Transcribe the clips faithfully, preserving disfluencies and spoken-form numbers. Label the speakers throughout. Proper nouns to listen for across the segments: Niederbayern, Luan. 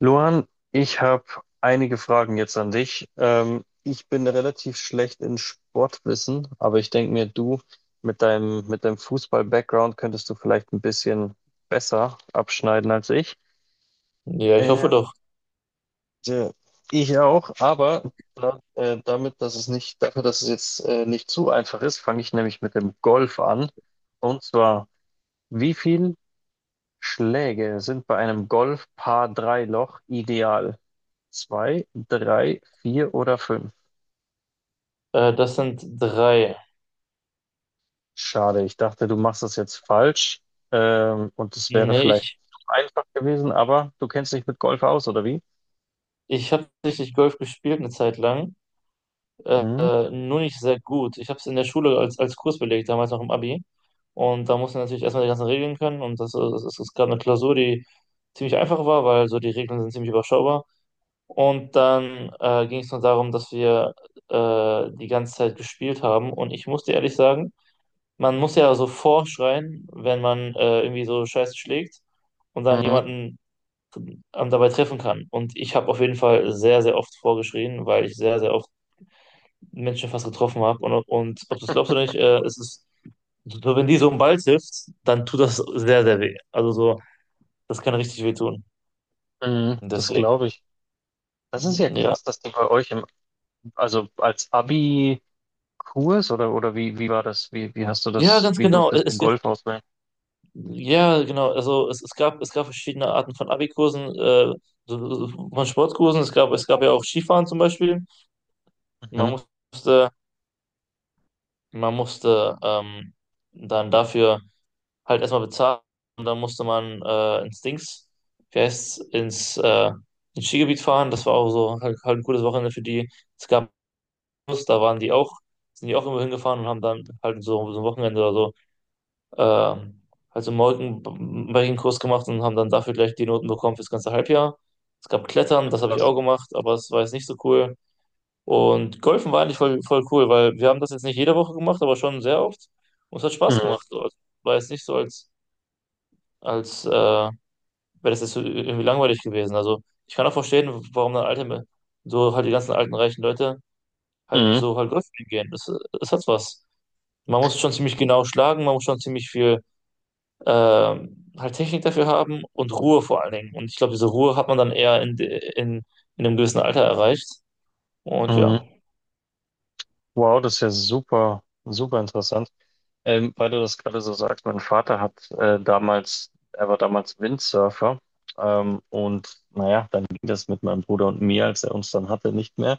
Speaker 1: Luan, ich habe einige Fragen jetzt an dich. Ähm, ich bin relativ schlecht in Sportwissen, aber ich denke mir, du mit deinem, mit deinem Fußball-Background könntest du vielleicht ein bisschen besser abschneiden als ich.
Speaker 2: Ja, ich hoffe
Speaker 1: Ähm,
Speaker 2: doch.
Speaker 1: tja, Ich auch, aber da, äh, damit, dass es nicht, dafür, dass es jetzt äh, nicht zu einfach ist, fange ich nämlich mit dem Golf an. Und zwar, wie viel Schläge sind bei einem Golf Par drei Loch ideal? Zwei, drei, vier oder fünf?
Speaker 2: Äh, das sind drei.
Speaker 1: Schade, ich dachte, du machst das jetzt falsch. Ähm, und es wäre
Speaker 2: Nee,
Speaker 1: vielleicht
Speaker 2: ich,
Speaker 1: zu einfach gewesen, aber du kennst dich mit Golf aus, oder wie?
Speaker 2: ich habe tatsächlich Golf gespielt eine Zeit lang, äh,
Speaker 1: Mhm,
Speaker 2: nur nicht sehr gut. Ich habe es in der Schule als, als Kurs belegt, damals noch im Abi. Und da musste natürlich erstmal die ganzen Regeln können. Und das, das, das, es gab eine Klausur, die ziemlich einfach war, weil so die Regeln sind ziemlich überschaubar. Und dann äh, ging es nur darum, dass wir äh, die ganze Zeit gespielt haben. Und ich muss dir ehrlich sagen, man muss ja so vorschreien, wenn man äh, irgendwie so Scheiße schlägt und dann
Speaker 1: mhm,
Speaker 2: jemanden ähm, dabei treffen kann. Und ich habe auf jeden Fall sehr, sehr oft vorgeschrien, weil ich sehr, sehr oft Menschen fast getroffen habe. Und, und ob du es glaubst oder nicht, äh, es ist, so, wenn die so einen Ball trifft, dann tut das sehr, sehr weh. Also so, das kann richtig weh tun.
Speaker 1: mhm, das
Speaker 2: Deswegen,
Speaker 1: glaube ich. Das ist ja
Speaker 2: ja.
Speaker 1: krass, dass du bei euch im, also als Abi-Kurs oder, oder wie, wie war das? Wie, wie hast du
Speaker 2: Ja,
Speaker 1: das,
Speaker 2: ganz
Speaker 1: wie
Speaker 2: genau.
Speaker 1: durftest du
Speaker 2: Es, es,
Speaker 1: Golf auswählen?
Speaker 2: ja, genau. Also es, es gab, es gab verschiedene Arten von Abi-Kursen, äh, so- so von Sportkursen. Es gab, es gab ja auch Skifahren zum Beispiel. Man
Speaker 1: Mhm,
Speaker 2: musste, man musste ähm, dann dafür halt erstmal bezahlt und dann musste man äh, ins Dings, wie heißt's, ins, äh, ins Skigebiet fahren. Das war auch so halt, halt ein cooles Wochenende für die. Es gab Bus, da waren die auch, sind die auch immer hingefahren und haben dann halt so, so ein Wochenende oder so, äh, halt so einen Mountainbiking-Kurs gemacht und haben dann dafür gleich die Noten bekommen fürs ganze Halbjahr. Es gab Klettern, das habe ich
Speaker 1: krass.
Speaker 2: auch gemacht, aber es war jetzt nicht so cool. Und Golfen war eigentlich voll, voll cool, weil wir haben das jetzt nicht jede Woche gemacht, aber schon sehr oft. Und es hat Spaß
Speaker 1: Mhm,
Speaker 2: gemacht. So. Also, war jetzt nicht so als, als äh, weil das ist so äh, irgendwie langweilig gewesen. Also ich kann auch verstehen, warum dann alte, so halt die ganzen alten reichen Leute halt
Speaker 1: mhm,
Speaker 2: so halt Golfspielen gehen. Das, das hat was. Man muss schon ziemlich genau schlagen, man muss schon ziemlich viel ähm, halt Technik dafür haben und Ruhe vor allen Dingen. Und ich glaube, diese Ruhe hat man dann eher in, de- in, in einem gewissen Alter erreicht. Und ja,
Speaker 1: mhm. Wow, das ist ja super, super interessant. Ähm, weil du das gerade so sagst, mein Vater hat äh, damals, er war damals Windsurfer. Ähm, und naja, dann ging das mit meinem Bruder und mir, als er uns dann hatte, nicht mehr.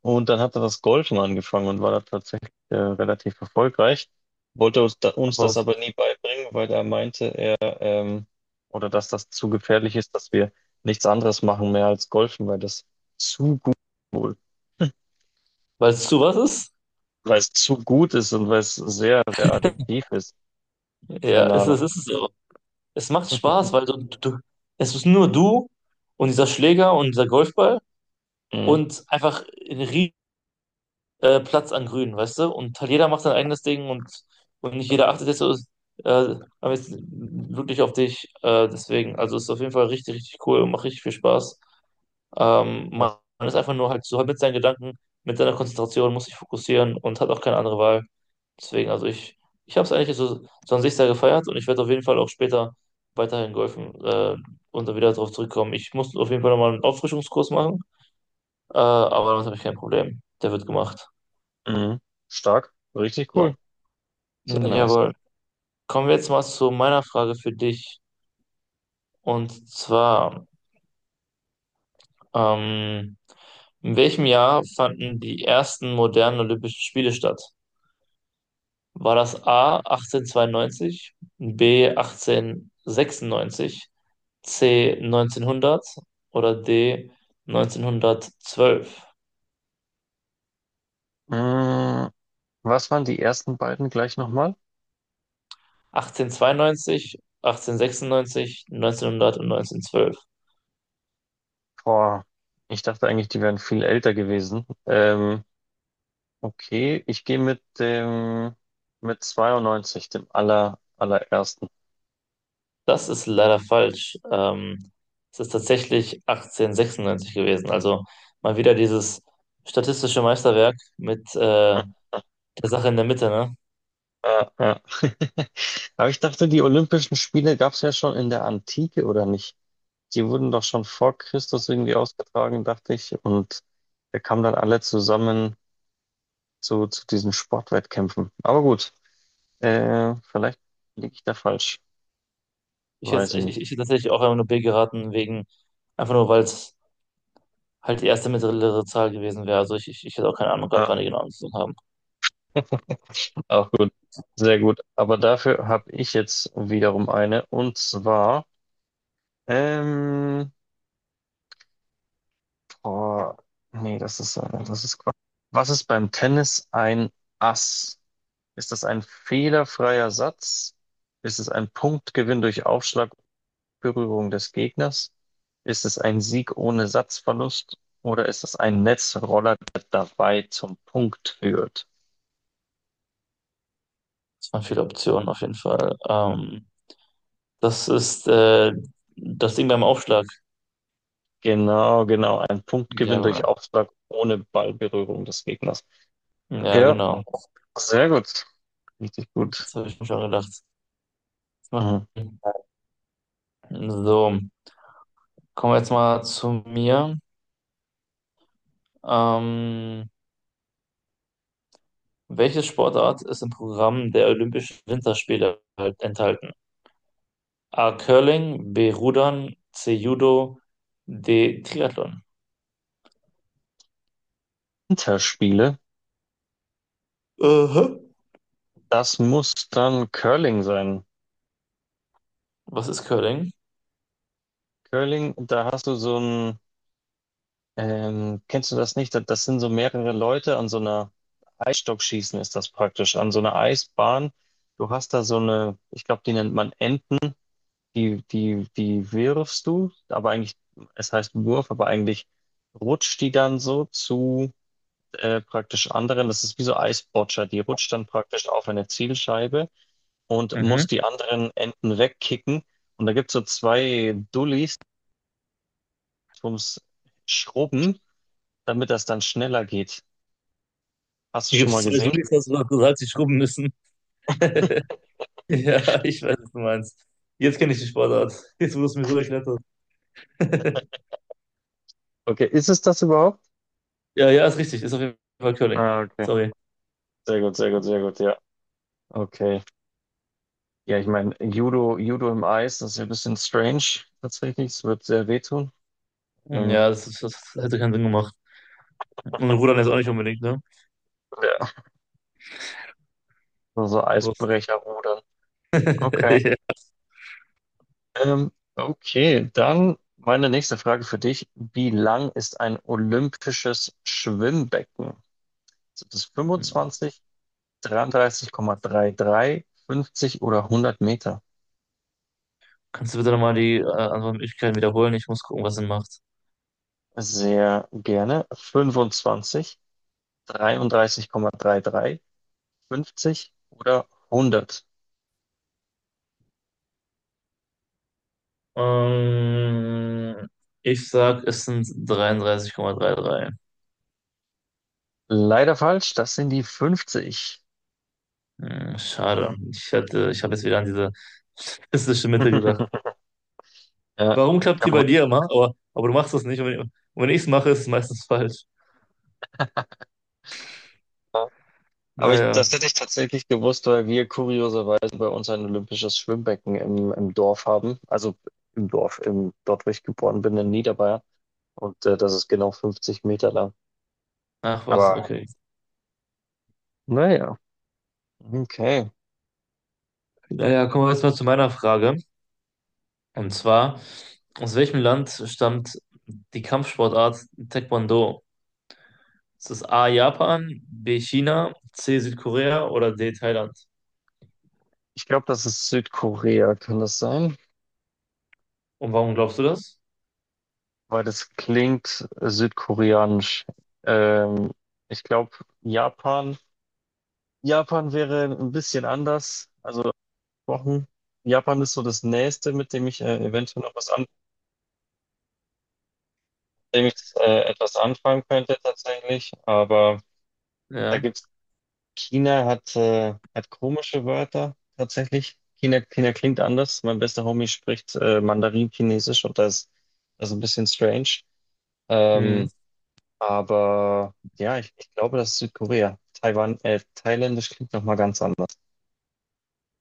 Speaker 1: Und dann hat er das Golfen angefangen und war da tatsächlich äh, relativ erfolgreich. Wollte uns, da, uns
Speaker 2: aber
Speaker 1: das aber nie beibringen, weil er meinte, er ähm, oder dass das zu gefährlich ist, dass wir nichts anderes machen mehr als Golfen, weil das zu gut,
Speaker 2: weil es du, was ist?
Speaker 1: weil es zu gut ist und weil es sehr, sehr addiktiv ist.
Speaker 2: Ja,
Speaker 1: Keine
Speaker 2: es
Speaker 1: Ahnung.
Speaker 2: ist, es ist so. Es macht Spaß, weil du, du, es ist nur du und dieser Schläger und dieser Golfball
Speaker 1: Mhm.
Speaker 2: und einfach ein äh, Platz an Grün, weißt du? Und halt jeder macht sein eigenes Ding und, und nicht jeder achtet jetzt so äh, aber jetzt wirklich auf dich. Äh, deswegen, also ist auf jeden Fall richtig, richtig cool und macht richtig viel Spaß. Ähm, man, man ist einfach nur halt so halt mit seinen Gedanken, mit seiner Konzentration, muss sich fokussieren und hat auch keine andere Wahl. Deswegen, also ich, ich habe es eigentlich so, so an sich sehr gefeiert und ich werde auf jeden Fall auch später weiterhin golfen äh, und da wieder darauf zurückkommen. Ich muss auf jeden Fall nochmal einen Auffrischungskurs machen, äh, aber damit habe ich kein Problem. Der wird gemacht.
Speaker 1: Mhm. Stark. Richtig
Speaker 2: So.
Speaker 1: cool. Sehr nice.
Speaker 2: Jawohl. Kommen wir jetzt mal zu meiner Frage für dich. Und zwar, ähm, in welchem Jahr fanden die ersten modernen Olympischen Spiele statt? War das A achtzehnhundertzweiundneunzig, B achtzehnhundertsechsundneunzig, C neunzehnhundert oder D neunzehnhundertzwölf?
Speaker 1: Mhm. Was waren die ersten beiden gleich nochmal?
Speaker 2: achtzehnhundertzweiundneunzig, achtzehnhundertsechsundneunzig, neunzehnhundert und neunzehnhundertzwölf.
Speaker 1: Boah, ich dachte eigentlich, die wären viel älter gewesen. Ähm, okay, ich gehe mit dem mit zweiundneunzig, dem aller, allerersten.
Speaker 2: Das ist leider falsch. Ähm, es ist tatsächlich achtzehnhundertsechsundneunzig gewesen. Also mal wieder dieses statistische Meisterwerk mit äh, der Sache in der Mitte, ne?
Speaker 1: Äh, ja. Aber ich dachte, die Olympischen Spiele gab es ja schon in der Antike, oder nicht? Die wurden doch schon vor Christus irgendwie ausgetragen, dachte ich. Und wir kamen dann alle zusammen zu, zu diesen Sportwettkämpfen. Aber gut. Äh, vielleicht liege ich da falsch.
Speaker 2: Ich
Speaker 1: Weiß
Speaker 2: hätte,
Speaker 1: ich
Speaker 2: ich, ich
Speaker 1: nicht.
Speaker 2: ich hätte tatsächlich auch einfach nur B geraten, wegen, einfach nur, weil es halt die erste mittlere Zahl gewesen wäre. Also ich, ich, ich hätte auch keine Ahnung gehabt,
Speaker 1: Ah,
Speaker 2: wann die genau angefangen haben.
Speaker 1: auch gut. Sehr gut. Aber dafür habe ich jetzt wiederum eine. Und zwar, ähm, boah, nee, das ist, äh, das ist Quatsch. Was ist beim Tennis ein Ass? Ist das ein fehlerfreier Satz? Ist es ein Punktgewinn durch Aufschlag und Berührung des Gegners? Ist es ein Sieg ohne Satzverlust? Oder ist es ein Netzroller, der dabei zum Punkt führt?
Speaker 2: Es waren viele Optionen auf jeden Fall. Ähm, das ist äh, das Ding beim Aufschlag.
Speaker 1: Genau, genau. Ein Punktgewinn durch
Speaker 2: Jawohl.
Speaker 1: Aufschlag ohne Ballberührung des Gegners.
Speaker 2: Ja,
Speaker 1: Ja,
Speaker 2: genau.
Speaker 1: sehr gut. Richtig gut.
Speaker 2: Das habe ich mir schon gedacht. Das macht
Speaker 1: Mhm.
Speaker 2: Sinn. So. Kommen wir jetzt mal zu mir. Ähm, welche Sportart ist im Programm der Olympischen Winterspiele halt enthalten? A. Curling, B. Rudern, C. Judo, D. Triathlon.
Speaker 1: Winterspiele.
Speaker 2: Aha.
Speaker 1: Das muss dann Curling sein.
Speaker 2: Was ist Curling?
Speaker 1: Curling, da hast du so ein, ähm, kennst du das nicht? Das das sind so mehrere Leute an so einer, Eisstockschießen ist das praktisch, an so einer Eisbahn. Du hast da so eine, ich glaube, die nennt man Enten, die, die, die wirfst du, aber eigentlich, es heißt Wurf, aber eigentlich rutscht die dann so zu äh, praktisch anderen, das ist wie so Eisbotscher, die rutscht dann praktisch auf eine Zielscheibe und muss
Speaker 2: Mhm.
Speaker 1: die anderen Enten wegkicken. Und da gibt es so zwei Dullis ums Schrubben, damit das dann schneller geht. Hast du
Speaker 2: Hier
Speaker 1: schon
Speaker 2: gibt es
Speaker 1: mal
Speaker 2: zwei
Speaker 1: gesehen?
Speaker 2: Julis, hast du noch gesagt, die schrubben müssen. Ja, ich weiß, was du meinst. Jetzt kenne ich die Sportart. Jetzt wurde es mir so erklärt.
Speaker 1: Okay, ist es das überhaupt?
Speaker 2: Ja, ja, ist richtig. Ist auf jeden Fall Curling.
Speaker 1: Ah, okay.
Speaker 2: Sorry.
Speaker 1: Sehr gut, sehr gut, sehr gut, ja. Okay. Ja, ich meine, Judo, Judo im Eis, das ist ja ein bisschen strange tatsächlich. Es wird sehr wehtun. Ähm,
Speaker 2: Ja, das, ist, das hätte keinen Sinn gemacht. Und Rudern ist auch nicht unbedingt,
Speaker 1: ja. So
Speaker 2: ne?
Speaker 1: Eisbrecher rudern. Okay.
Speaker 2: Ja.
Speaker 1: Ähm, okay, dann meine nächste Frage für dich. Wie lang ist ein olympisches Schwimmbecken? Sind es
Speaker 2: Ja.
Speaker 1: fünfundzwanzig, dreiunddreißig Komma dreiunddreißig, fünfzig oder hundert Meter?
Speaker 2: Kannst du bitte nochmal die äh, Antwortmöglichkeiten wiederholen? Ich muss gucken, was Sinn macht.
Speaker 1: Sehr gerne. fünfundzwanzig, dreiunddreißig Komma dreiunddreißig, fünfzig oder hundert.
Speaker 2: Ähm, ich sag, es sind dreiunddreißig Komma dreiunddreißig.
Speaker 1: Leider falsch, das sind die fünfzig.
Speaker 2: Hm, schade. Ich hätte, ich habe jetzt wieder an diese statistische Mitte gedacht.
Speaker 1: Ja,
Speaker 2: Warum klappt die bei dir immer? Aber, aber du machst das nicht. Und wenn, und wenn ich es mache, ist es meistens falsch.
Speaker 1: aber ich,
Speaker 2: Naja,
Speaker 1: das hätte ich tatsächlich gewusst, weil wir kurioserweise bei uns ein olympisches Schwimmbecken im, im Dorf haben. Also im Dorf, im, dort, wo ich geboren bin, in Niederbayern. Und äh, das ist genau fünfzig Meter lang.
Speaker 2: ach was,
Speaker 1: Aber
Speaker 2: okay.
Speaker 1: naja, okay.
Speaker 2: Naja, kommen wir jetzt mal zu meiner Frage. Und zwar, aus welchem Land stammt die Kampfsportart Taekwondo? Ist das A Japan, B China, C Südkorea oder D Thailand?
Speaker 1: Ich glaube, das ist Südkorea, kann das sein?
Speaker 2: Und warum glaubst du das?
Speaker 1: Weil das klingt südkoreanisch. Ähm, ich glaube, Japan. Japan wäre ein bisschen anders. Also Wochen. Japan ist so das Nächste, mit dem ich äh, eventuell noch was an dem ich äh, etwas anfangen könnte tatsächlich. Aber da
Speaker 2: Ja.
Speaker 1: gibt's, China hat, äh, hat komische Wörter tatsächlich. China, China klingt anders. Mein bester Homie spricht äh, Mandarin-Chinesisch und das, das ist ein bisschen strange.
Speaker 2: Hm.
Speaker 1: Ähm, aber ja, ich, ich glaube, das ist Südkorea. Taiwan, äh, Thailändisch klingt nochmal ganz anders.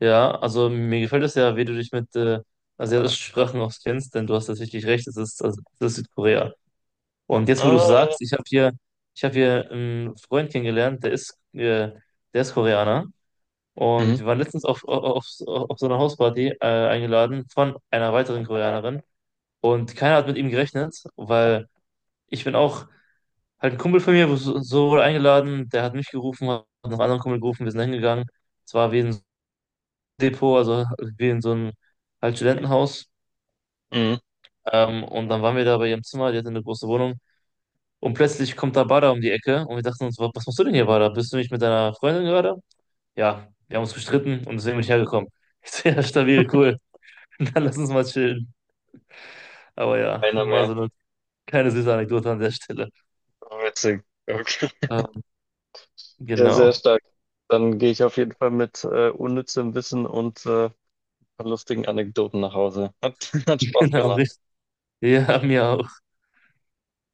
Speaker 2: Ja, also mir gefällt es ja, wie du dich mit äh, asiatischen Sprachen auskennst, denn du hast tatsächlich recht, es ist, also, es ist Südkorea. Und jetzt, wo du
Speaker 1: Ah,
Speaker 2: es
Speaker 1: ja.
Speaker 2: sagst, ich habe hier, ich habe hier einen Freund kennengelernt, der ist, äh, der ist Koreaner. Und
Speaker 1: Mhm.
Speaker 2: wir waren letztens auf, auf, auf, auf so einer Hausparty äh, eingeladen von einer weiteren Koreanerin. Und keiner hat mit ihm gerechnet, weil ich bin auch halt ein Kumpel von mir wurde so so wurde eingeladen, der hat mich gerufen, hat noch einen anderen Kumpel gerufen, wir sind hingegangen. Es war wie ein Depot, also wie in so einem halt Studentenhaus.
Speaker 1: Mhm.
Speaker 2: Ähm, und dann waren wir da bei ihrem Zimmer, die hatte eine große Wohnung. Und plötzlich kommt da Bader um die Ecke und wir dachten uns, wa- was machst du denn hier, Bader? Bist du nicht mit deiner Freundin gerade? Ja, wir haben uns gestritten und deswegen bin ich hergekommen. Ich so, ja, stabil, cool. Dann lass uns mal chillen. Aber ja,
Speaker 1: Einer
Speaker 2: mal
Speaker 1: mehr.
Speaker 2: so eine kleine süße Anekdote an der Stelle.
Speaker 1: Oh, witzig. Okay.
Speaker 2: Ähm,
Speaker 1: Ja, sehr
Speaker 2: genau,
Speaker 1: stark. Dann gehe ich auf jeden Fall mit äh, unnützem Wissen und äh, paar lustigen Anekdoten nach Hause. Hat, hat Spaß
Speaker 2: genau,
Speaker 1: gemacht.
Speaker 2: richtig. Ja, mir auch.